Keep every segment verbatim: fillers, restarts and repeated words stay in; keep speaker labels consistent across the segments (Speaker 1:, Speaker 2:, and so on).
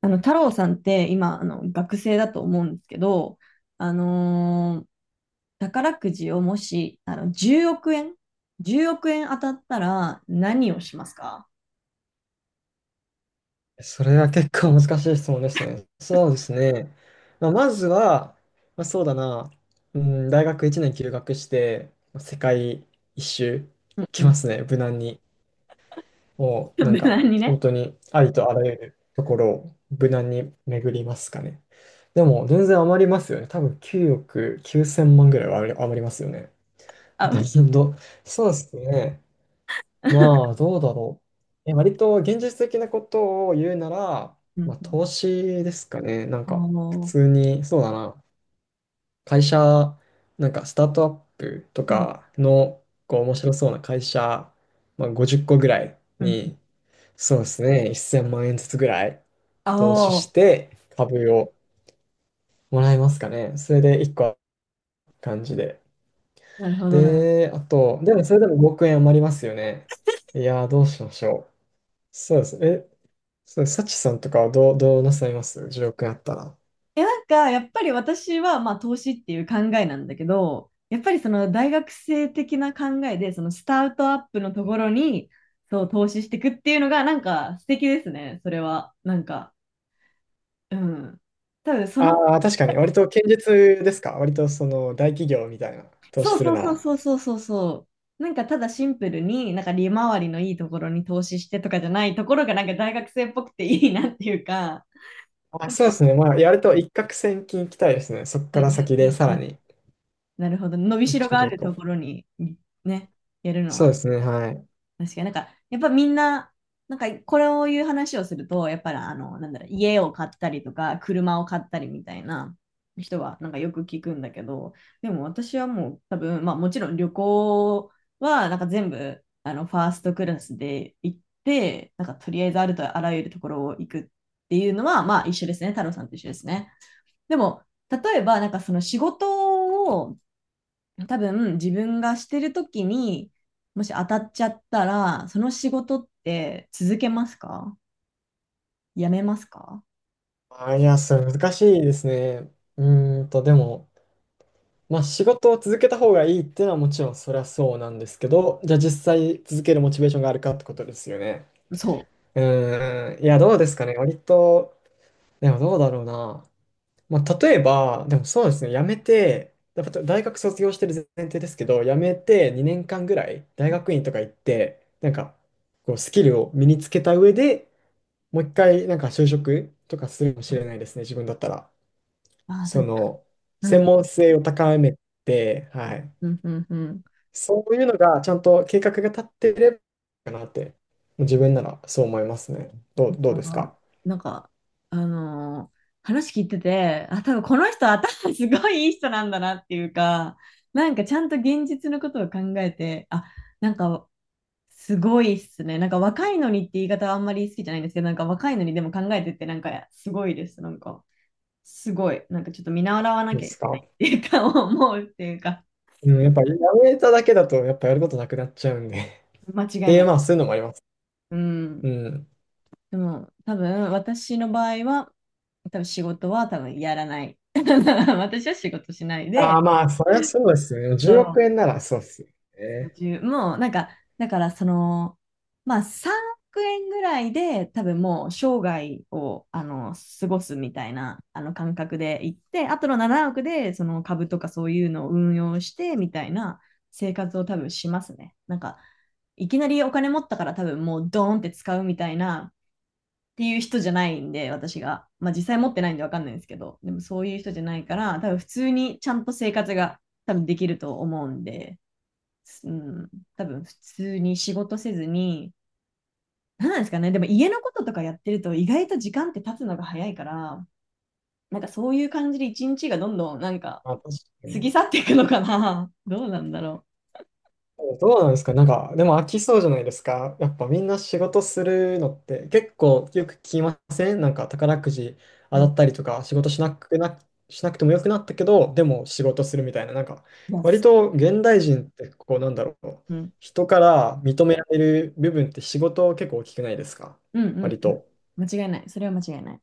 Speaker 1: あの、太郎さんって今、あの、学生だと思うんですけど、あのー宝くじをもし、あの、じゅうおく円、じゅうおく円当たったら何をしますか？
Speaker 2: それは結構難しい質問ですね。そうですね。まあ、まずは、まあ、そうだな、うん、大学いちねん休学して、まあ世界一周行
Speaker 1: うんう
Speaker 2: きま
Speaker 1: ん。
Speaker 2: すね、無難に。も うなん
Speaker 1: 無
Speaker 2: か、
Speaker 1: 難にね。
Speaker 2: 本当にありとあらゆるところを無難に巡りますかね。でも、全然余りますよね。多分きゅうおくきゅうせん万ぐらいは余り余りますよね。
Speaker 1: あ、う
Speaker 2: だ
Speaker 1: ん
Speaker 2: けど、どそうですね。まあ、どうだろう。え、割と現実的なことを言うなら、
Speaker 1: うん。
Speaker 2: まあ、投資ですかね。なん
Speaker 1: あ
Speaker 2: か、普
Speaker 1: の
Speaker 2: 通に、そうだな。会社、なんか、スタートアップと
Speaker 1: ーうん
Speaker 2: かの、こう、面白そうな会社、まあ、ごじゅっこぐらい
Speaker 1: うん。
Speaker 2: に、そうですね、せんまん円ずつぐらい
Speaker 1: あ
Speaker 2: 投資し
Speaker 1: あ、
Speaker 2: て、株をもらいますかね。それでいっこある感じで。
Speaker 1: なるほど。
Speaker 2: で、あと、でもそれでもごおく円余りますよね。いやー、どうしましょう。そうです。え、そう、サチさんとかはどう、どうなさいますじゅうおく円あったら？
Speaker 1: え、なんか、やっぱり私は、まあ、投資っていう考えなんだけど、やっぱりその大学生的な考えで、そのスタートアップのところに、そう、投資していくっていうのが、なんか素敵ですね、それは。なんか、うん。多分その、
Speaker 2: ああ、確かに。割と堅実ですか？割とその大企業みたいな投資
Speaker 1: そう
Speaker 2: する
Speaker 1: そう
Speaker 2: な
Speaker 1: そう
Speaker 2: ら。
Speaker 1: そうそうそうそう。なんかただシンプルに、なんか利回りのいいところに投資してとかじゃないところが、なんか大学生っぽくていいなっていうか、
Speaker 2: あ、
Speaker 1: なん
Speaker 2: そう
Speaker 1: か、
Speaker 2: ですね。まあ、やると一攫千金いきたいですね。そこ
Speaker 1: う
Speaker 2: から
Speaker 1: んう
Speaker 2: 先
Speaker 1: んう
Speaker 2: で
Speaker 1: ん
Speaker 2: さ
Speaker 1: う
Speaker 2: ら
Speaker 1: ん。
Speaker 2: に。
Speaker 1: なるほど。伸び
Speaker 2: どっ
Speaker 1: し
Speaker 2: ち
Speaker 1: ろ
Speaker 2: か
Speaker 1: が
Speaker 2: と
Speaker 1: あ
Speaker 2: いう
Speaker 1: ると
Speaker 2: と。
Speaker 1: ころに、ね、やるの
Speaker 2: そう
Speaker 1: は
Speaker 2: で
Speaker 1: ね。
Speaker 2: すね。はい。
Speaker 1: 確かになんか、やっぱみんな、なんかこれを言う話をすると、やっぱりあの、なんだろう、家を買ったりとか、車を買ったりみたいな人は、なんかよく聞くんだけど、でも私はもう多分、まあもちろん旅行は、なんか全部、あの、ファーストクラスで行って、なんかとりあえずあるとあらゆるところを行くっていうのは、まあ一緒ですね、太郎さんと一緒ですね。でも、例えば、なんかその仕事を多分自分がしてる時にもし当たっちゃったらその仕事って続けますか、やめますか？
Speaker 2: あ、いや、それ難しいですね。うーんと、でも、まあ、仕事を続けた方がいいっていうのはもちろんそりゃそうなんですけど、じゃあ実際続けるモチベーションがあるかってことですよね。
Speaker 1: そう。
Speaker 2: うーん。いや、どうですかね。割と、でもどうだろうな。まあ、例えば、でもそうですね、辞めて、やっぱ大学卒業してる前提ですけど、辞めてにねんかんぐらい大学院とか行って、なんかこうスキルを身につけた上でもう一回なんか就職とかするかもしれないですね、自分だったら。
Speaker 1: ああ、多
Speaker 2: そ
Speaker 1: 分
Speaker 2: の、
Speaker 1: う
Speaker 2: 専
Speaker 1: ん
Speaker 2: 門性を高めて、はい。
Speaker 1: うんうんうん。
Speaker 2: そういうのがちゃんと計画が立ってればいいかなって、自分ならそう思いますね。どう、どう
Speaker 1: あ
Speaker 2: です
Speaker 1: ー
Speaker 2: か？
Speaker 1: なんか、あのー話聞いてて、あ、多分この人頭すごいいい人なんだなっていうか、なんかちゃんと現実のことを考えて、あ、なんかすごいっすね。なんか若いのにって言い方はあんまり好きじゃないんですけど、なんか若いのにでも考えてってなんかすごいです。なんか。すごい、なんかちょっと見習わ
Speaker 2: そ
Speaker 1: な
Speaker 2: うで
Speaker 1: きゃいけ
Speaker 2: す
Speaker 1: ないっ
Speaker 2: か。
Speaker 1: ていうか、思うっていうか、
Speaker 2: うん、やっぱやめただけだと、やっぱやることなくなっちゃうんで。っ
Speaker 1: 間違
Speaker 2: て
Speaker 1: い
Speaker 2: い
Speaker 1: な
Speaker 2: う、
Speaker 1: い。
Speaker 2: まあ、そういうのもあります。
Speaker 1: う
Speaker 2: う
Speaker 1: ん。
Speaker 2: ん。
Speaker 1: でも、多分、私の場合は、多分仕事は多分やらない。私は仕事しない
Speaker 2: あ
Speaker 1: で、
Speaker 2: あ、まあ、それはそうですよね。
Speaker 1: そ
Speaker 2: じゅうおく
Speaker 1: う
Speaker 2: 円ならそうですよ
Speaker 1: ご
Speaker 2: ね。
Speaker 1: じゅうもうなんか、だからその、まあさんおく円ぐらいで多分もう生涯をあの過ごすみたいなあの感覚で行って、あとのななおくでその株とかそういうのを運用してみたいな生活を多分しますね。なんか、いきなりお金持ったから多分もうドーンって使うみたいなっていう人じゃないんで、私が。まあ実際持ってないんでわかんないんですけど、でもそういう人じゃないから、多分普通にちゃんと生活が多分できると思うんで。うん、多分普通に仕事せずに、なんなんですかね、でも家のこととかやってると意外と時間って経つのが早いから、なんかそういう感じでいちにちがどんどんなんか
Speaker 2: まあ、確か
Speaker 1: 過
Speaker 2: に。
Speaker 1: ぎ去っていくのかな。どうなんだろ
Speaker 2: どうなんですか？なんか、でも飽きそうじゃないですか？やっぱみんな仕事するのって。結構よく聞きません？なんか宝くじ
Speaker 1: う。うん、
Speaker 2: 当
Speaker 1: い
Speaker 2: たったりとか、仕事しなくな、しなくてもよくなったけど、でも仕事するみたいな。なんか
Speaker 1: や、
Speaker 2: 割
Speaker 1: す
Speaker 2: と現代人ってこうなんだろう、
Speaker 1: うん、
Speaker 2: 人から認められる部分って仕事結構大きくないですか？
Speaker 1: うん、う
Speaker 2: 割
Speaker 1: ん、うん
Speaker 2: と。
Speaker 1: 間違いない。それは間違いない。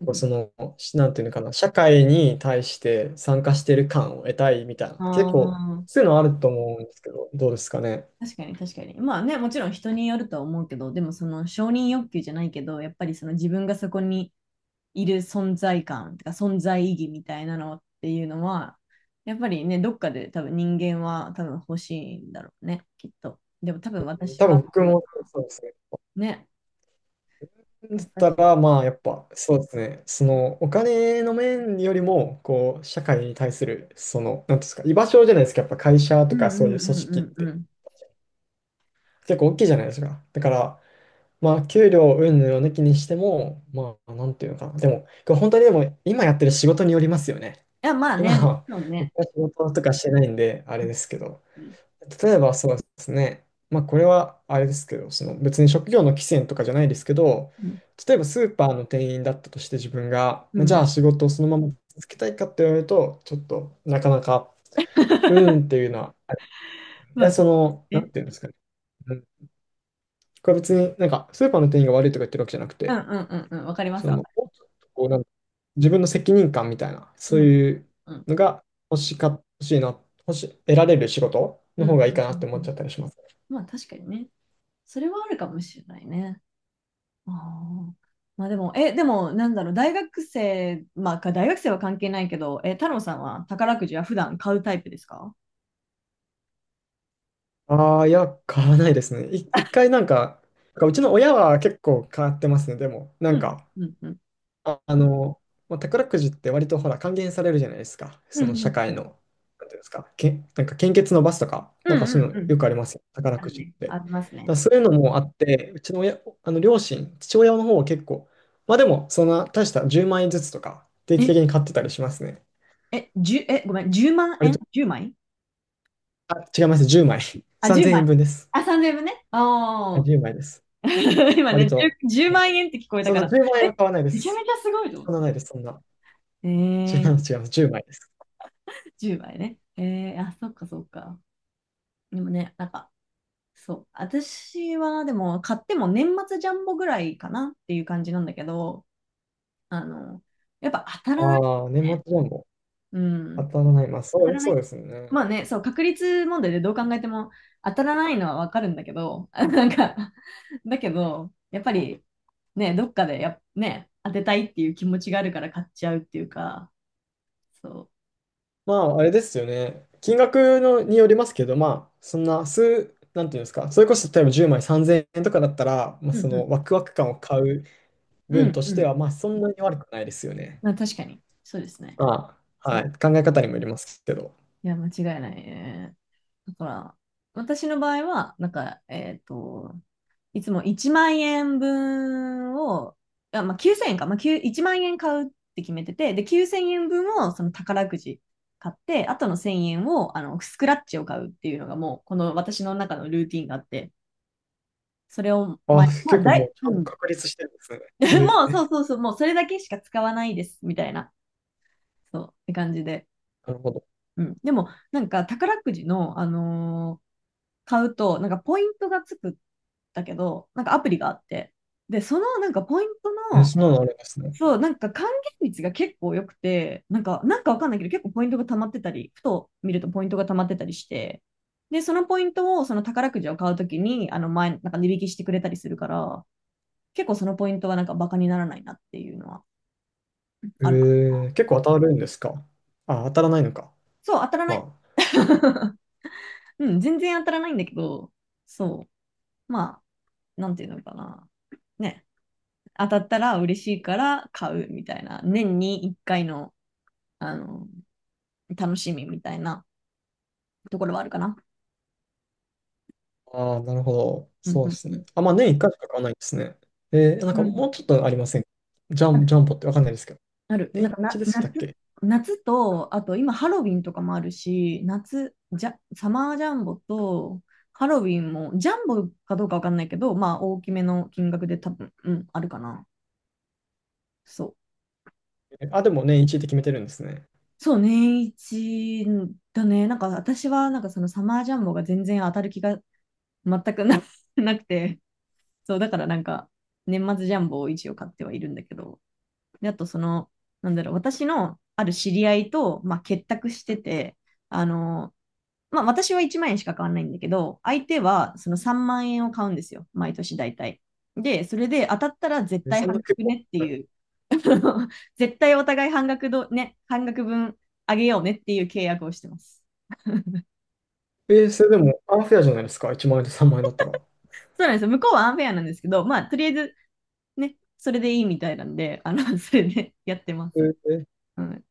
Speaker 1: う
Speaker 2: こう
Speaker 1: ん、
Speaker 2: その、しなんていうのかな、社会に対して参加してる感を得たいみたいな、
Speaker 1: あ
Speaker 2: 結構
Speaker 1: あ。
Speaker 2: そういうのあると思うんですけど、どうですかね？
Speaker 1: 確かに確かに。まあね、もちろん人によるとは思うけど、でもその承認欲求じゃないけど、やっぱりその自分がそこにいる存在感とか存在意義みたいなのっていうのは、やっぱりね、どっかで多分人間は多分欲しいんだろうね、きっと。でも多分私
Speaker 2: 多分
Speaker 1: は、
Speaker 2: 僕
Speaker 1: どうだ
Speaker 2: もそうですね。
Speaker 1: ね、
Speaker 2: だった
Speaker 1: 私。
Speaker 2: ら、まあ、やっぱ、そうですね。その、お金の面よりも、こう、社会に対する、その、なんていうんですか、居場所じゃないですか。やっぱ会社
Speaker 1: う
Speaker 2: と
Speaker 1: んう
Speaker 2: か
Speaker 1: ん
Speaker 2: そうい
Speaker 1: う
Speaker 2: う組織っ
Speaker 1: んうんう
Speaker 2: て、
Speaker 1: ん。い
Speaker 2: 結構大きいじゃないですか。だから、まあ、給料云々を抜きにしても、まあ、なんていうのかな。でも、これ本当にでも、今やってる仕事によりますよね。
Speaker 1: や、まあ
Speaker 2: 今
Speaker 1: ね、もち
Speaker 2: は、
Speaker 1: ろんね。
Speaker 2: 僕は仕事とかしてないんで、あ
Speaker 1: う
Speaker 2: れ
Speaker 1: ん
Speaker 2: ですけど。
Speaker 1: うん
Speaker 2: 例えばそうですね、まあこれはあれですけど、その別に職業の規制とかじゃないですけど、
Speaker 1: うん。
Speaker 2: 例えばスーパーの店員だったとして自分が、
Speaker 1: う
Speaker 2: まあじゃ
Speaker 1: ん
Speaker 2: あ仕事をそのまま続けたいかって言われると、ちょっとなかなか、うーんって いうのは、い
Speaker 1: ま
Speaker 2: や、
Speaker 1: あ
Speaker 2: その、なん
Speaker 1: ね、
Speaker 2: ていうんですかね、うん、これ別になんかスーパーの店員が悪いとか言ってるわけじゃなく
Speaker 1: うん
Speaker 2: て、
Speaker 1: うんうんうん、わかりま
Speaker 2: そ
Speaker 1: すわ
Speaker 2: の、
Speaker 1: か
Speaker 2: もう
Speaker 1: る。
Speaker 2: ちょっとこうなんか自分の責任感みたいな、そ
Speaker 1: う
Speaker 2: う
Speaker 1: ん
Speaker 2: いう
Speaker 1: うん
Speaker 2: のが欲しか、欲しいな、欲し、得られる仕事
Speaker 1: う
Speaker 2: の
Speaker 1: んう
Speaker 2: 方
Speaker 1: ん
Speaker 2: がいいかなって
Speaker 1: う
Speaker 2: 思っ
Speaker 1: んうん。
Speaker 2: ちゃったりします。
Speaker 1: まあ確かにね。それはあるかもしれないね。あーまあでも、え、でも、なんだろう、大学生、まあ、か大学生は関係ないけど、え、太郎さんは宝くじは普段買うタイプですか？
Speaker 2: ああ、いや、買わないですね。い、一回なんか、なんかうちの親は結構買ってますね。でも、な
Speaker 1: う
Speaker 2: ん
Speaker 1: ん、
Speaker 2: か、
Speaker 1: うん、うん。
Speaker 2: あ、あの、まあ、宝くじって割とほら、還元されるじゃないですか。
Speaker 1: う
Speaker 2: その社
Speaker 1: ん、う
Speaker 2: 会
Speaker 1: ん、
Speaker 2: の、なんていうんですか、け、なんか献血のバスとか、
Speaker 1: う
Speaker 2: なんか
Speaker 1: ん、
Speaker 2: そういう
Speaker 1: うんう
Speaker 2: のよ
Speaker 1: ん。
Speaker 2: くありますよ。宝
Speaker 1: あ
Speaker 2: く
Speaker 1: る
Speaker 2: じっ
Speaker 1: ね。
Speaker 2: て。だ
Speaker 1: あ
Speaker 2: か
Speaker 1: ります
Speaker 2: ら
Speaker 1: ね。
Speaker 2: そういうのもあって、うちの親、あの両親、父親の方は結構、まあでも、そんな大したじゅうまん円ずつとか、定期
Speaker 1: え、
Speaker 2: 的に買ってたりしますね。
Speaker 1: え、十え、ごめん、じゅうまん
Speaker 2: 割
Speaker 1: 円
Speaker 2: と、
Speaker 1: いちまい？
Speaker 2: あ、違います。じゅうえん
Speaker 1: あ、10
Speaker 2: 3000円
Speaker 1: 枚。
Speaker 2: 分です。
Speaker 1: あ、さん ぜろ ぜろね。
Speaker 2: あ
Speaker 1: ああ。
Speaker 2: じゅうです。
Speaker 1: 今
Speaker 2: 割
Speaker 1: ね
Speaker 2: と。
Speaker 1: じゅう、万円って聞こえた
Speaker 2: そん
Speaker 1: か
Speaker 2: な
Speaker 1: ら、
Speaker 2: じゅうまん円は
Speaker 1: え、
Speaker 2: 買わないで
Speaker 1: めちゃめ
Speaker 2: す。
Speaker 1: ちゃすごいと思っ
Speaker 2: そんな
Speaker 1: て。
Speaker 2: ないです、そんな。
Speaker 1: え
Speaker 2: 違
Speaker 1: ー、
Speaker 2: う違うじゅうまじゅうまいです。
Speaker 1: じゅうまいね。えー、あ、そっかそっか。でもね、なんか、そう。私は、でも、買っても年末ジャンボぐらいかなっていう感じなんだけど、あの、やっぱ当たらない
Speaker 2: ああ、
Speaker 1: よ
Speaker 2: 年末
Speaker 1: ね。
Speaker 2: ジャンボ。
Speaker 1: う
Speaker 2: 当
Speaker 1: ん。
Speaker 2: たらない。まあ、
Speaker 1: 当
Speaker 2: そう
Speaker 1: た
Speaker 2: で
Speaker 1: ら
Speaker 2: す、
Speaker 1: な
Speaker 2: そう
Speaker 1: い。
Speaker 2: ですね。
Speaker 1: まあね、そう、確率問題でどう考えても当たらないのはわかるんだけど、あなんか、だけど、やっぱり、ね、どっかでや、ね、当てたいっていう気持ちがあるから買っちゃうっていうか、そ
Speaker 2: まあ、あれですよね。金額のによりますけど、まあ、そんな数、なんていうんですか、それこそ例えばじゅうまいさんぜんえんとかだったら、まあ、
Speaker 1: う。うん
Speaker 2: そ
Speaker 1: うん。
Speaker 2: のワクワク感を買う
Speaker 1: う
Speaker 2: 分
Speaker 1: ん
Speaker 2: とし
Speaker 1: う
Speaker 2: て
Speaker 1: ん。
Speaker 2: は、まあ、そんなに悪くないですよね。
Speaker 1: まあ確かに、そうですね。
Speaker 2: まあ、
Speaker 1: そ
Speaker 2: は
Speaker 1: う
Speaker 2: い。考え方にもよりますけど。
Speaker 1: いや、間違いないね。だから、私の場合は、なんか、えっと、いつもいちまん円分を、あ、まあ、きゅうせんえんか、まあ、きゅう いちまん円買うって決めてて、で、きゅうせんえんぶんをその宝くじ買って、あとのせんえんをあのスクラッチを買うっていうのがもう、この私の中のルーティンがあって、それを
Speaker 2: あ、
Speaker 1: 前、ま
Speaker 2: 結
Speaker 1: あ、
Speaker 2: 構
Speaker 1: だ
Speaker 2: も
Speaker 1: い、
Speaker 2: うち
Speaker 1: う
Speaker 2: ゃんと
Speaker 1: ん。
Speaker 2: 確立してるんです ね。
Speaker 1: もう、
Speaker 2: え
Speaker 1: そ
Speaker 2: え、
Speaker 1: うそうそう、もうそれだけしか使わないです、みたいな、そう、って感じで。
Speaker 2: なるほど。
Speaker 1: うん。でも、なんか、宝くじの、あのー買うと、なんかポイントがつくんだけど、なんかアプリがあって。で、そのなんかポイント
Speaker 2: えー、そ
Speaker 1: の、
Speaker 2: んなのあるんですね。
Speaker 1: そう、なんか還元率が結構良くて、なんか、なんかわかんないけど、結構ポイントが溜まってたり、ふと見るとポイントが溜まってたりして、で、そのポイントを、その宝くじを買うときに、あの前、なんか値引きしてくれたりするから、結構そのポイントはなんかバカにならないなっていうのはあるかな。
Speaker 2: ええ、結構当たるんですか？あ、当たらないのか。
Speaker 1: そう、当たらない。
Speaker 2: ま
Speaker 1: うん、全然当たらないんだけど、そう。まあ、なんていうのかな。ね。当たったら嬉しいから買うみたいな、年にいっかいの、あの、楽しみみたいなところはあるかな。
Speaker 2: あ。ああ、なるほど。
Speaker 1: うん
Speaker 2: そ
Speaker 1: う
Speaker 2: うで
Speaker 1: ん
Speaker 2: す
Speaker 1: う
Speaker 2: ね。
Speaker 1: ん。
Speaker 2: あ、まあ年いっかいしか買わないんですね。えー、なん
Speaker 1: う
Speaker 2: か
Speaker 1: ん
Speaker 2: もうちょっとありませんか？ジャ
Speaker 1: あ
Speaker 2: ン、
Speaker 1: る。
Speaker 2: ジャンボってわかんないですけど。
Speaker 1: ある
Speaker 2: 年
Speaker 1: なんか
Speaker 2: いち
Speaker 1: な、
Speaker 2: でしたっ
Speaker 1: 夏、
Speaker 2: け？
Speaker 1: 夏と、あと今ハロウィンとかもあるし、夏、じゃ、サマージャンボと、ハロウィンも、ジャンボかどうかわかんないけど、まあ大きめの金額で多分、うん、あるかな。そう。
Speaker 2: えー。あ、でも年いちで決めてるんですね。
Speaker 1: そう、ねんいちだね。なんか私は、なんかそのサマージャンボが全然当たる気が全くな なくて、そう、だからなんか、年末ジャンボを一応買ってはいるんだけど、であとその、なんだろう、私のある知り合いと、まあ、結託してて、あの、まあ、私はいちまん円しか買わないんだけど、相手はそのさんまん円を買うんですよ、毎年大体。で、それで当たったら絶
Speaker 2: えー、
Speaker 1: 対
Speaker 2: そんな
Speaker 1: 半
Speaker 2: 結
Speaker 1: 額
Speaker 2: 構。
Speaker 1: ねって
Speaker 2: はい。
Speaker 1: いう、絶対お互い半額ど、ね、半額分あげようねっていう契約をしてます。
Speaker 2: えー、それでも、アンフェアじゃないですか。いちまん円とさんまん円だったら。
Speaker 1: そうなんですよ。向こうはアンフェアなんですけど、まあ、とりあえずね、それでいいみたいなんで、あの、それでやってま
Speaker 2: え
Speaker 1: す。
Speaker 2: ー。
Speaker 1: うん